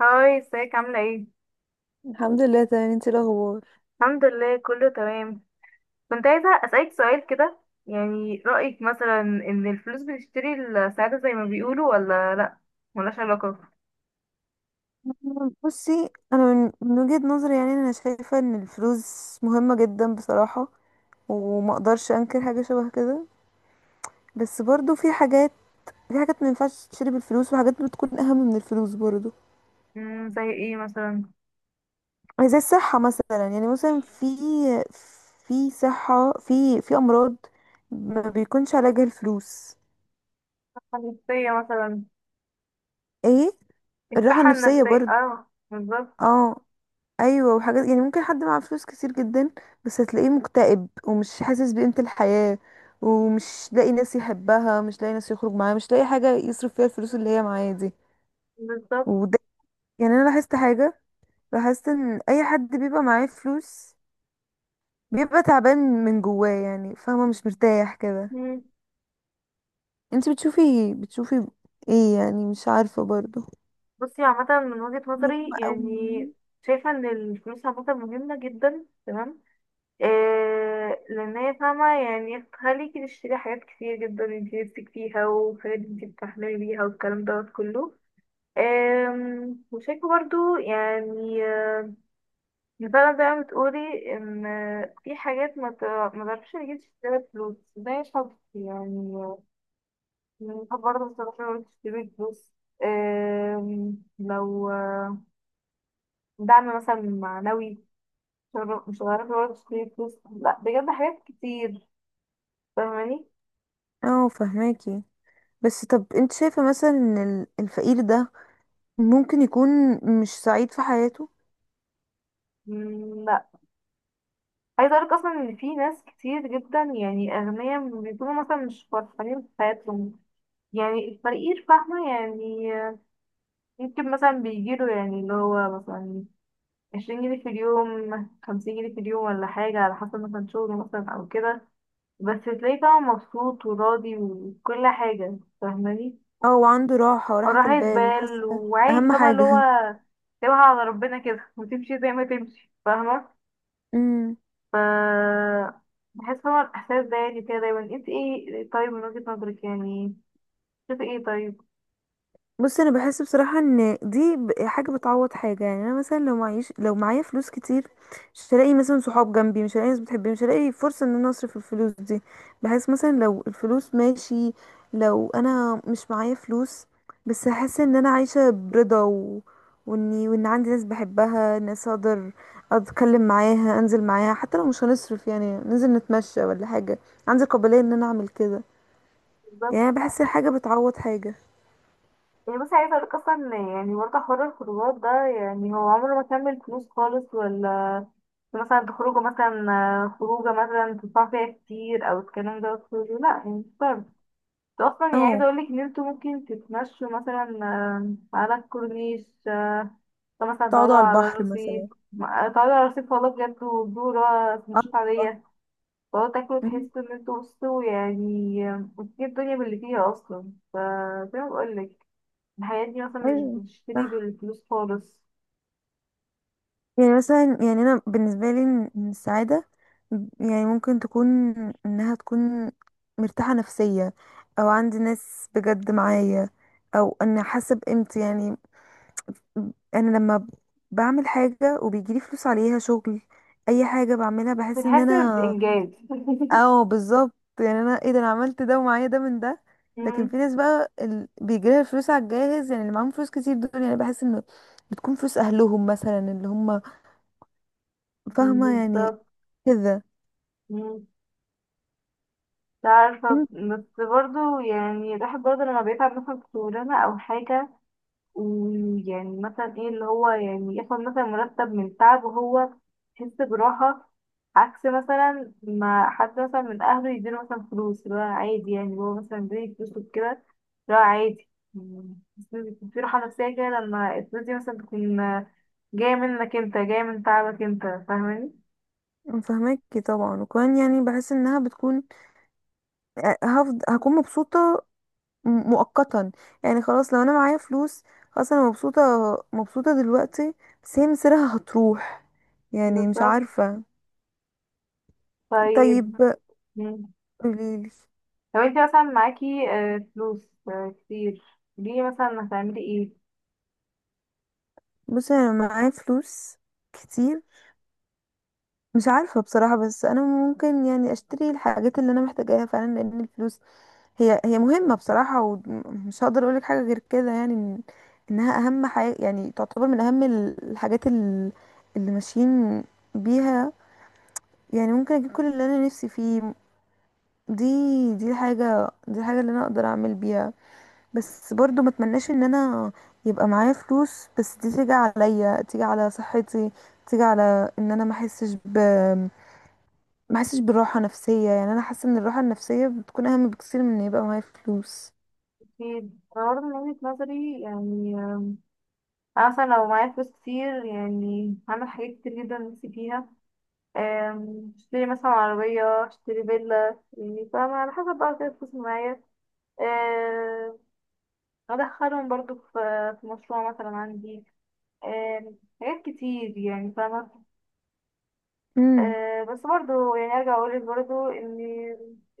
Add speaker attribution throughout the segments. Speaker 1: هاي ازيك عاملة ايه؟
Speaker 2: الحمد لله تمام. انت ايه الاخبار؟
Speaker 1: الحمد لله كله تمام. كنت عايزة أسألك سؤال كده. يعني رأيك مثلا إن الفلوس بتشتري السعادة زي ما بيقولوا ولا لأ؟ ملهاش علاقة.
Speaker 2: بصي انا من وجهة نظري، يعني انا شايفة ان الفلوس مهمة جدا بصراحة، وما اقدرش انكر حاجة شبه كده. بس برضو في حاجات، في حاجات ما ينفعش تشتري بالفلوس، وحاجات بتكون اهم من الفلوس برضو.
Speaker 1: زي ايه مثلا؟
Speaker 2: زي الصحة مثلا، يعني مثلا في، في صحة في امراض ما بيكونش علاجها الفلوس.
Speaker 1: النفسية مثلا.
Speaker 2: ايه. الراحة
Speaker 1: الصحة
Speaker 2: النفسية
Speaker 1: النفسية،
Speaker 2: برضو.
Speaker 1: اه، بالظبط.
Speaker 2: اه. ايوه وحاجات يعني ممكن حد معاه فلوس كتير جدا، بس هتلاقيه مكتئب ومش حاسس بقيمة الحياة، ومش لاقي ناس يحبها، مش لاقي ناس يخرج معاها، مش لاقي حاجة يصرف فيها الفلوس اللي هي معاه دي.
Speaker 1: بالظبط.
Speaker 2: وده يعني انا لاحظت حاجة، لاحظت ان اي حد بيبقى معاه فلوس بيبقى تعبان من جواه، يعني فاهمة، مش مرتاح كده.
Speaker 1: مم.
Speaker 2: انت بتشوفي ايه؟ يعني مش عارفة برضه.
Speaker 1: بصي عامة من وجهة نظري
Speaker 2: مهمة قوي
Speaker 1: يعني،
Speaker 2: يعني.
Speaker 1: شايفة إن الفلوس عامة مهمة جدا، تمام. إيه لان هي فاهمة يعني هخليكي تشتري حاجات كتير جدا انتي نفسك فيها وحاجات انتي بتحلمي بيها والكلام دوت كله. وشايفة برضو يعني فعلا زي ما بتقولي ان في حاجات ما تعرفش تجيب تشتري فلوس، ده مش حب يعني يعني الحب برضه ما تعرفش تشتري فلوس. لو دعم مثلا معنوي، مش هتعرفي برضه تشتري فلوس لا بجد، حاجات كتير. فاهماني؟
Speaker 2: اه فهماكي. بس طب انت شايفة مثلا ان الفقير ده ممكن يكون مش سعيد في حياته؟
Speaker 1: لا، عايزة أقولك أصلا إن في ناس كتير جدا يعني أغنياء بيكونوا مثلا مش فرحانين في حياتهم. يعني الفقير فاهمة يعني ممكن مثلا بيجيله يعني اللي هو مثلا 20 جنيه في اليوم، 50 جنيه في اليوم ولا حاجة، على حسب مثلا شغله مثلا أو كده، بس تلاقيه فاهمة مبسوط وراضي وكل حاجة. فاهماني؟
Speaker 2: او عنده راحة وراحة
Speaker 1: وراحة
Speaker 2: البال؟
Speaker 1: بال
Speaker 2: حاسة
Speaker 1: وعادي،
Speaker 2: اهم
Speaker 1: فاهمة اللي هو
Speaker 2: حاجة.
Speaker 1: سيبها على ربنا كده وتمشي زي ما تمشي، فاهمة. ف بحس هو الإحساس ده يعني كده دايما، انت ايه طيب من وجهة نظرك يعني، شوفي ايه طيب.
Speaker 2: بص انا بحس بصراحه ان دي حاجه بتعوض حاجه. يعني انا مثلا لو معيش، لو معايا فلوس كتير، مش هلاقي مثلا صحاب جنبي، مش هلاقي ناس بتحبني، مش هلاقي فرصه ان انا اصرف الفلوس دي. بحس مثلا لو الفلوس ماشي، لو انا مش معايا فلوس بس هحس ان انا عايشه برضا، واني وان عندي ناس بحبها، ناس اقدر اتكلم معاها، انزل معاها، حتى لو مش هنصرف يعني، ننزل نتمشى ولا حاجه. عندي قابليه ان انا اعمل كده.
Speaker 1: بالظبط.
Speaker 2: يعني أنا بحس حاجه بتعوض حاجه.
Speaker 1: يعني بس عايزة اقولك اصلا يعني برضه حوار الخروجات ده يعني هو عمره ما كمل فلوس خالص، ولا مثلا تخرجوا مثلا خروجة مثلا تدفعوا فيها كتير او الكلام ده كله، لا يعني مش شرط. انتوا اصلا يعني عايزة
Speaker 2: اه،
Speaker 1: اقولك ان انتوا ممكن تتمشوا مثلا على الكورنيش مثلا تقعدوا
Speaker 2: تقعدوا على
Speaker 1: على
Speaker 2: البحر
Speaker 1: الرصيف،
Speaker 2: مثلا.
Speaker 1: تقعدوا على الرصيف والله بجد، وبيقولوا
Speaker 2: اه
Speaker 1: سندوتشات
Speaker 2: والله.
Speaker 1: عادية، تقعد تاكل
Speaker 2: أمم،
Speaker 1: وتحس ان انتوا بصوا يعني، وتجيب الدنيا باللي فيها اصلا. فزي ما بقولك، الحياة دي مثلا مش
Speaker 2: ايوه
Speaker 1: بتشتري
Speaker 2: صح.
Speaker 1: بالفلوس خالص.
Speaker 2: يعني مثلا يعني انا بالنسبه لي إن إن السعاده يعني ممكن تكون، انها تكون مرتاحه نفسيه، او عندي ناس بجد معايا، او ان حاسه بقيمتي. يعني انا لما بعمل حاجه وبيجيلي فلوس عليها شغل، اي حاجه بعملها بحس ان
Speaker 1: بتحس
Speaker 2: انا.
Speaker 1: بإنجاز.
Speaker 2: اه بالظبط. يعني انا ايه ده، انا عملت ده ومعايا ده من ده. لكن
Speaker 1: مم،
Speaker 2: في ناس بقى بيجيلها الفلوس على الجاهز، يعني اللي معاهم فلوس كتير دول يعني بحس انه بتكون فلوس اهلهم مثلا، اللي هم فاهمه يعني،
Speaker 1: بالظبط.
Speaker 2: كده.
Speaker 1: مم، مش عارفة
Speaker 2: أمم،
Speaker 1: بس برضه يعني الواحد برضه لما بيتعب مثلا في شغلانة أو حاجة، ويعني مثلا ايه اللي هو يعني ياخد مثلا مرتب من تعب، وهو يحس براحة، عكس مثلا ما حد مثلا من أهله يديله مثلا فلوس اللي هو عادي، يعني هو مثلا بيديله فلوس وكده اللي هو عادي، يعني بس بيكون في راحة نفسية كده لما الفلوس دي مثلا تكون جاية منك انت، جاية من تعبك انت، فاهماني؟
Speaker 2: فاهماكي طبعا. وكمان يعني بحس انها بتكون هكون مبسوطه مؤقتا. يعني خلاص لو انا معايا فلوس، خلاص انا مبسوطه، مبسوطه دلوقتي، بس هي مصيرها هتروح. يعني مش
Speaker 1: بالظبط.
Speaker 2: عارفه.
Speaker 1: طيب.
Speaker 2: طيب
Speaker 1: مم.
Speaker 2: قوليلي.
Speaker 1: لو انت مثلا معاكي فلوس كتير، دي مثلا هتعملي ايه؟
Speaker 2: بص انا معايا فلوس كتير، مش عارفه بصراحه، بس انا ممكن يعني اشتري الحاجات اللي انا محتاجاها فعلا لان الفلوس هي مهمه بصراحه، ومش هقدر اقولك حاجه غير كده. يعني انها اهم حاجه، يعني تعتبر من اهم الحاجات اللي ماشيين بيها. يعني ممكن اجيب كل اللي انا نفسي فيه. دي دي الحاجه اللي انا اقدر اعمل بيها. بس برضو ما اتمناش ان انا يبقى معايا فلوس بس دي تيجي عليا، تيجي على صحتي، تيجي على ان انا ما احسش ب، ما احسش بالراحه نفسيه. يعني انا حاسه ان الراحه النفسيه بتكون اهم بكثير من ان يبقى معايا فلوس.
Speaker 1: في برضه من وجهة نظري يعني، أنا مثلا لو معايا فلوس كتير يعني هعمل حاجات كتير جدا نفسي فيها. اشتري مثلا عربية، اشتري فيلا، يعني فاهمة على حسب بقى كده الفلوس اللي معايا. أم، أدخلهم برضو في في مشروع مثلا عندي. حاجات كتير يعني، فاهمة.
Speaker 2: امم.
Speaker 1: بس برضو يعني أرجع أقولك برضو إن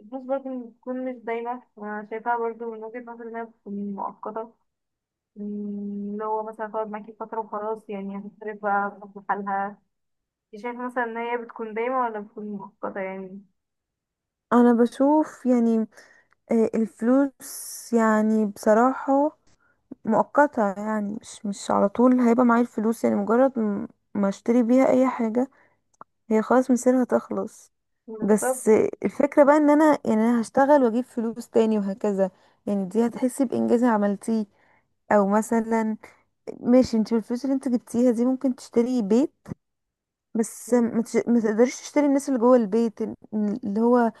Speaker 1: الفلوس برضو بتكون مش دايما، أنا شايفاها برضو من وجهة نظري إنها بتكون مؤقتة. أم، اللي هو مثلا تقعد معاكي فترة وخلاص، يعني هتصرف بقى بحالها. شايف مثلا ان هي بتكون دايمة ولا بتكون مؤقتة يعني؟
Speaker 2: انا بشوف يعني الفلوس يعني بصراحه مؤقته، يعني مش على طول هيبقى معايا الفلوس. يعني مجرد ما اشتري بيها اي حاجه هي خلاص مصيرها تخلص.
Speaker 1: بالظبط.
Speaker 2: بس الفكرة بقى ان انا، يعني انا هشتغل واجيب فلوس تاني وهكذا. يعني دي هتحسي بانجاز عملتيه. او مثلا ماشي، انت بالفلوس اللي انت جبتيها دي ممكن تشتري بيت، بس
Speaker 1: مم.
Speaker 2: ما تقدريش تشتري الناس اللي جوه البيت، اللي هو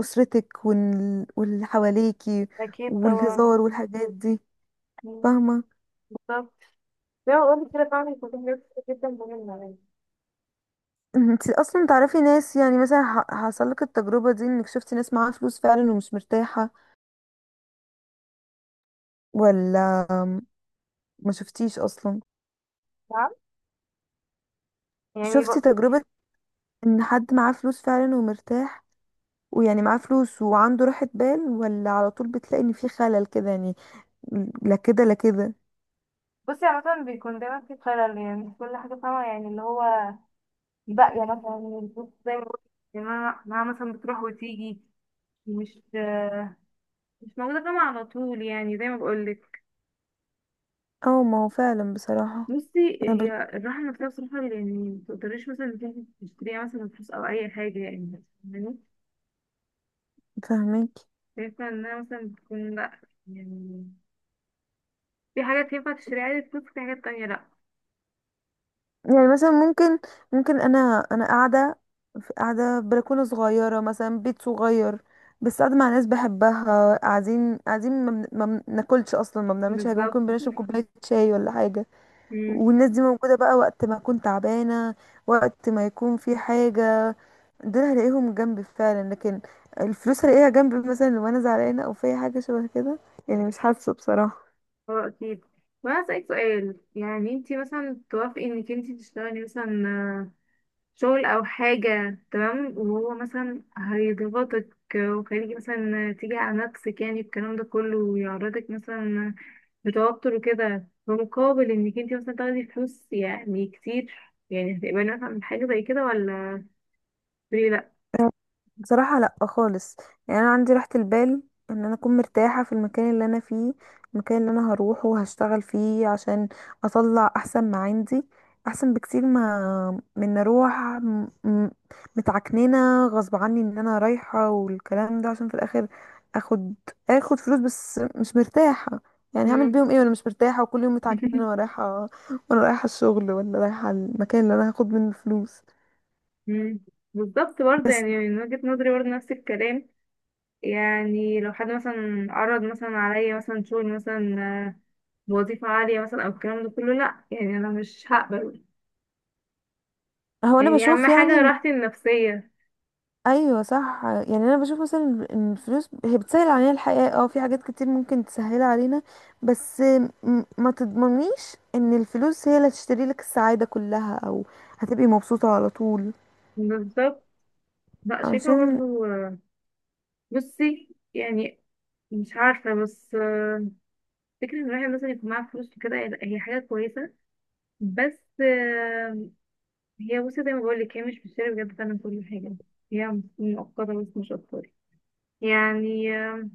Speaker 2: اسرتك واللي حواليكي،
Speaker 1: اكيد طبعا.
Speaker 2: والهزار والحاجات دي.
Speaker 1: مم.
Speaker 2: فاهمة؟
Speaker 1: بالظبط، زي ما قلت كده فعلا بيكون في حاجات كتير جدا مهمة يعني.
Speaker 2: انت اصلا تعرفي ناس، يعني مثلا حصل لك التجربة دي، انك شفتي ناس معاها فلوس فعلا ومش مرتاحة ولا ما شفتيش اصلا؟
Speaker 1: نعم. يعني ب...
Speaker 2: شفتي تجربة ان حد معاه فلوس فعلا ومرتاح، ويعني معاه فلوس وعنده راحة بال، ولا على طول بتلاقي ان في خلل كده يعني؟ لا كده لا كده.
Speaker 1: بصي عامة بيكون دايما في خلل يعني في كل حاجة، فاهمة يعني اللي هو باقية مثلا الفلوس زي ما قلت، انها مثلا بتروح وتيجي، مش مش موجودة فاهمة على طول، يعني زي ما بقولك.
Speaker 2: اه ما هو فعلا بصراحة.
Speaker 1: بصي،
Speaker 2: انا
Speaker 1: هي الراحة النفسية بصراحة يعني متقدريش مثلا إنك إنتي تشتريها مثلا بفلوس أو أي حاجة، يعني فاهماني؟
Speaker 2: فاهمك.
Speaker 1: شايفة انها مثلا بتكون لأ يعني، في حاجات ينفع تشتريها عادي بفلوس، وفي حاجات تانية لأ.
Speaker 2: يعني مثلا ممكن، ممكن انا قاعدة، في قاعدة في بلكونة صغيرة مثلا، بيت صغير، بس قاعدة مع ناس بحبها، قاعدين ما بناكلش اصلا، ما بنعملش حاجة، ممكن
Speaker 1: بالظبط.
Speaker 2: بنشرب كوباية شاي ولا حاجة.
Speaker 1: مم.
Speaker 2: والناس دي موجودة بقى وقت ما اكون تعبانة، وقت ما يكون في حاجة، دول هلاقيهم جنبي فعلا. لكن الفلوس هلاقيها جنبي مثلا لو انا زعلانه او في حاجه شبه كده؟ يعني مش حاسه بصراحه.
Speaker 1: اه أكيد. وأنا أسألك سؤال، يعني انتي مثلا توافقي انك انتي تشتغلي مثلا شغل أو حاجة تمام وهو مثلا هيضغطك وخليكي مثلا تيجي على نفسك يعني الكلام ده كله، ويعرضك مثلا لتوتر وكده، بمقابل انك انتي مثلا تاخدي فلوس يعني كتير، يعني هتقبلي مثلا من حاجة زي كده ولا تقولي لأ؟
Speaker 2: بصراحة لا خالص. يعني انا عندي راحة البال ان انا اكون مرتاحة في المكان اللي انا فيه، المكان اللي انا هروحه وهشتغل فيه عشان اطلع احسن ما عندي، احسن بكتير ما من اروح متعكننة غصب عني ان انا رايحة، والكلام ده عشان في الاخر اخد، اخد فلوس بس مش مرتاحة. يعني هعمل
Speaker 1: مم.
Speaker 2: بيهم ايه وانا مش مرتاحة، وكل يوم متعكننة وانا رايحة، وانا رايحة الشغل ولا رايحة المكان اللي انا هاخد منه فلوس.
Speaker 1: مم. بالظبط، برضه
Speaker 2: بس
Speaker 1: يعني من وجهة نظري برضه نفس الكلام. يعني لو حد مثلا عرض مثلا عليا مثلا شغل مثلا آه، بوظيفة عالية مثلا أو الكلام ده كله، لأ يعني أنا مش هقبل.
Speaker 2: هو انا
Speaker 1: يعني أهم
Speaker 2: بشوف
Speaker 1: حاجة
Speaker 2: يعني،
Speaker 1: راحتي النفسية.
Speaker 2: ايوه صح. يعني انا بشوف مثلا ان الفلوس هي بتسهل علينا الحياه، اه في حاجات كتير ممكن تسهلها علينا. بس ما تضمنيش ان الفلوس هي اللي هتشتري لك السعاده كلها، او هتبقي مبسوطه على طول.
Speaker 1: بالظبط. لأ، شايفة
Speaker 2: عشان
Speaker 1: برضه بصي يعني مش عارفة بس فكرة إن الواحد مثلا يكون معاه فلوس وكده، هي لأ، هي حاجة كويسة، بس هي بصي زي ما بقولك هي مش بتشتري بجد فعلا كل حاجة، هي مؤقتة بس مش أكتر. يعني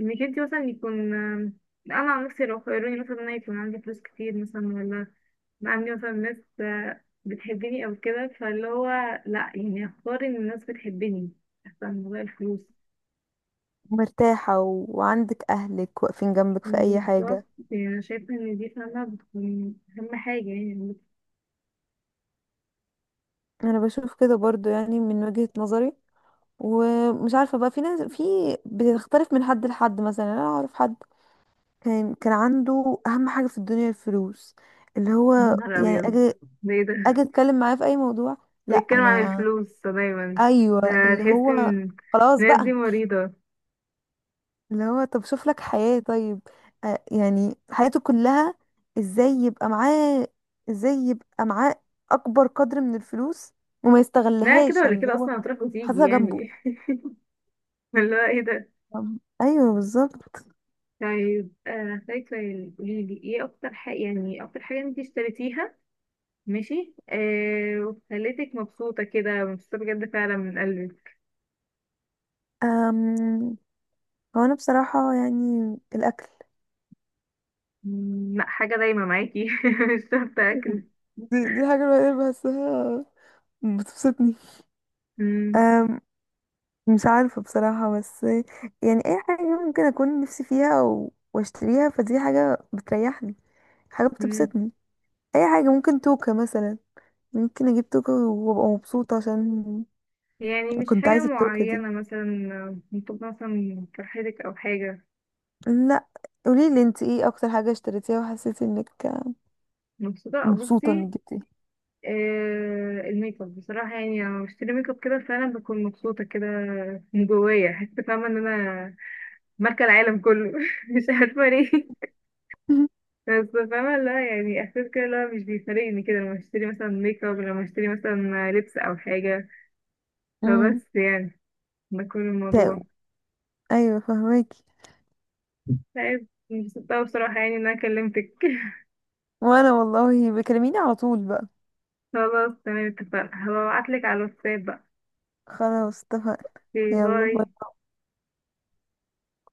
Speaker 1: انك انت مثلا يكون انا عن نفسي لو خيروني مثلا إن انا يكون عندي فلوس كتير مثلا، ولا يبقى عندي مثلا ناس بتحبني او كده، فاللي هو لا، يعني اختار ان الناس بتحبني احسن من غير الفلوس.
Speaker 2: مرتاحه وعندك اهلك واقفين جنبك في اي
Speaker 1: بالظبط.
Speaker 2: حاجه.
Speaker 1: يعني انا شايفه ان دي فعلا بتكون اهم حاجه يعني.
Speaker 2: انا بشوف كده برضو، يعني من وجهه نظري. ومش عارفه بقى، في ناس في، بتختلف من حد لحد. مثلا انا اعرف حد كان عنده اهم حاجه في الدنيا الفلوس، اللي هو
Speaker 1: يا نهار
Speaker 2: يعني
Speaker 1: ابيض! ده ايه ده؟
Speaker 2: اجي اتكلم معاه في اي موضوع، لا
Speaker 1: بيتكلم عن
Speaker 2: انا.
Speaker 1: الفلوس دايما؟ ده
Speaker 2: ايوه اللي
Speaker 1: تحس
Speaker 2: هو،
Speaker 1: ان
Speaker 2: خلاص
Speaker 1: الناس
Speaker 2: بقى.
Speaker 1: دي مريضه.
Speaker 2: اللي هو طب شوف لك حياة طيب. آه يعني حياته كلها، ازاي يبقى معاه ازاي يبقى معاه اكبر قدر من الفلوس، وما
Speaker 1: لا كده
Speaker 2: يستغلهاش،
Speaker 1: ولا
Speaker 2: يعني اللي
Speaker 1: كده،
Speaker 2: هو
Speaker 1: اصلا هتروح وتيجي
Speaker 2: حاططها جنبه.
Speaker 1: يعني. اللي هو ايه ده.
Speaker 2: ايوه بالظبط.
Speaker 1: طيب، فاكرة يعني قولي لي ايه اكتر حاجة يعني اكتر حاجة انت اشتريتيها، ماشي، وخلتك مبسوطة كده، مبسوطة بجد فعلا من قلبك؟
Speaker 2: أم... هو انا بصراحة يعني الاكل.
Speaker 1: لا حاجة دايما معاكي. مش شرط اكل.
Speaker 2: دي, دي حاجة الوحيدة اللي بحسها بتبسطني.
Speaker 1: مم.
Speaker 2: أم... مش عارفة بصراحة، بس يعني أي حاجة ممكن أكون نفسي فيها وأشتريها فدي حاجة بتريحني، حاجة
Speaker 1: مم،
Speaker 2: بتبسطني. أي حاجة ممكن توكة مثلا، ممكن أجيب توكة وأبقى مبسوطة عشان
Speaker 1: يعني مش
Speaker 2: كنت
Speaker 1: حاجة
Speaker 2: عايزة التوكة دي.
Speaker 1: معينة مثلا ممكن مثلا فرحتك او حاجة،
Speaker 2: لا، قوليلي انت ايه أكتر حاجة اشتريتيها وحسيتي انك
Speaker 1: مبسوطة.
Speaker 2: مبسوطة
Speaker 1: بصي
Speaker 2: انك جبتيها؟
Speaker 1: الميك اب بصراحة، يعني لما بشتري ميك اب كده فعلا بكون مبسوطة كده من جوايا، حاسة فاهمة ان انا ماركة العالم كله. مش عارفة ليه، بس فاهمة لا يعني احساس كده اللي هو مش بيفارقني كده لما اشتري مثلا ميك اب، لما اشتري مثلا لبس او حاجة،
Speaker 2: امم.
Speaker 1: فبس يعني ده كل
Speaker 2: تا-
Speaker 1: الموضوع.
Speaker 2: أيوة فهماكي.
Speaker 1: طيب، انبسطت اوي بصراحة يعني ان انا كلمتك.
Speaker 2: وأنا والله بكلميني على طول بقى.
Speaker 1: خلاص تمام، اتفقنا، هبعتلك على الواتساب بقى.
Speaker 2: خلاص اتفقنا.
Speaker 1: اوكي،
Speaker 2: يلا
Speaker 1: باي.
Speaker 2: باي.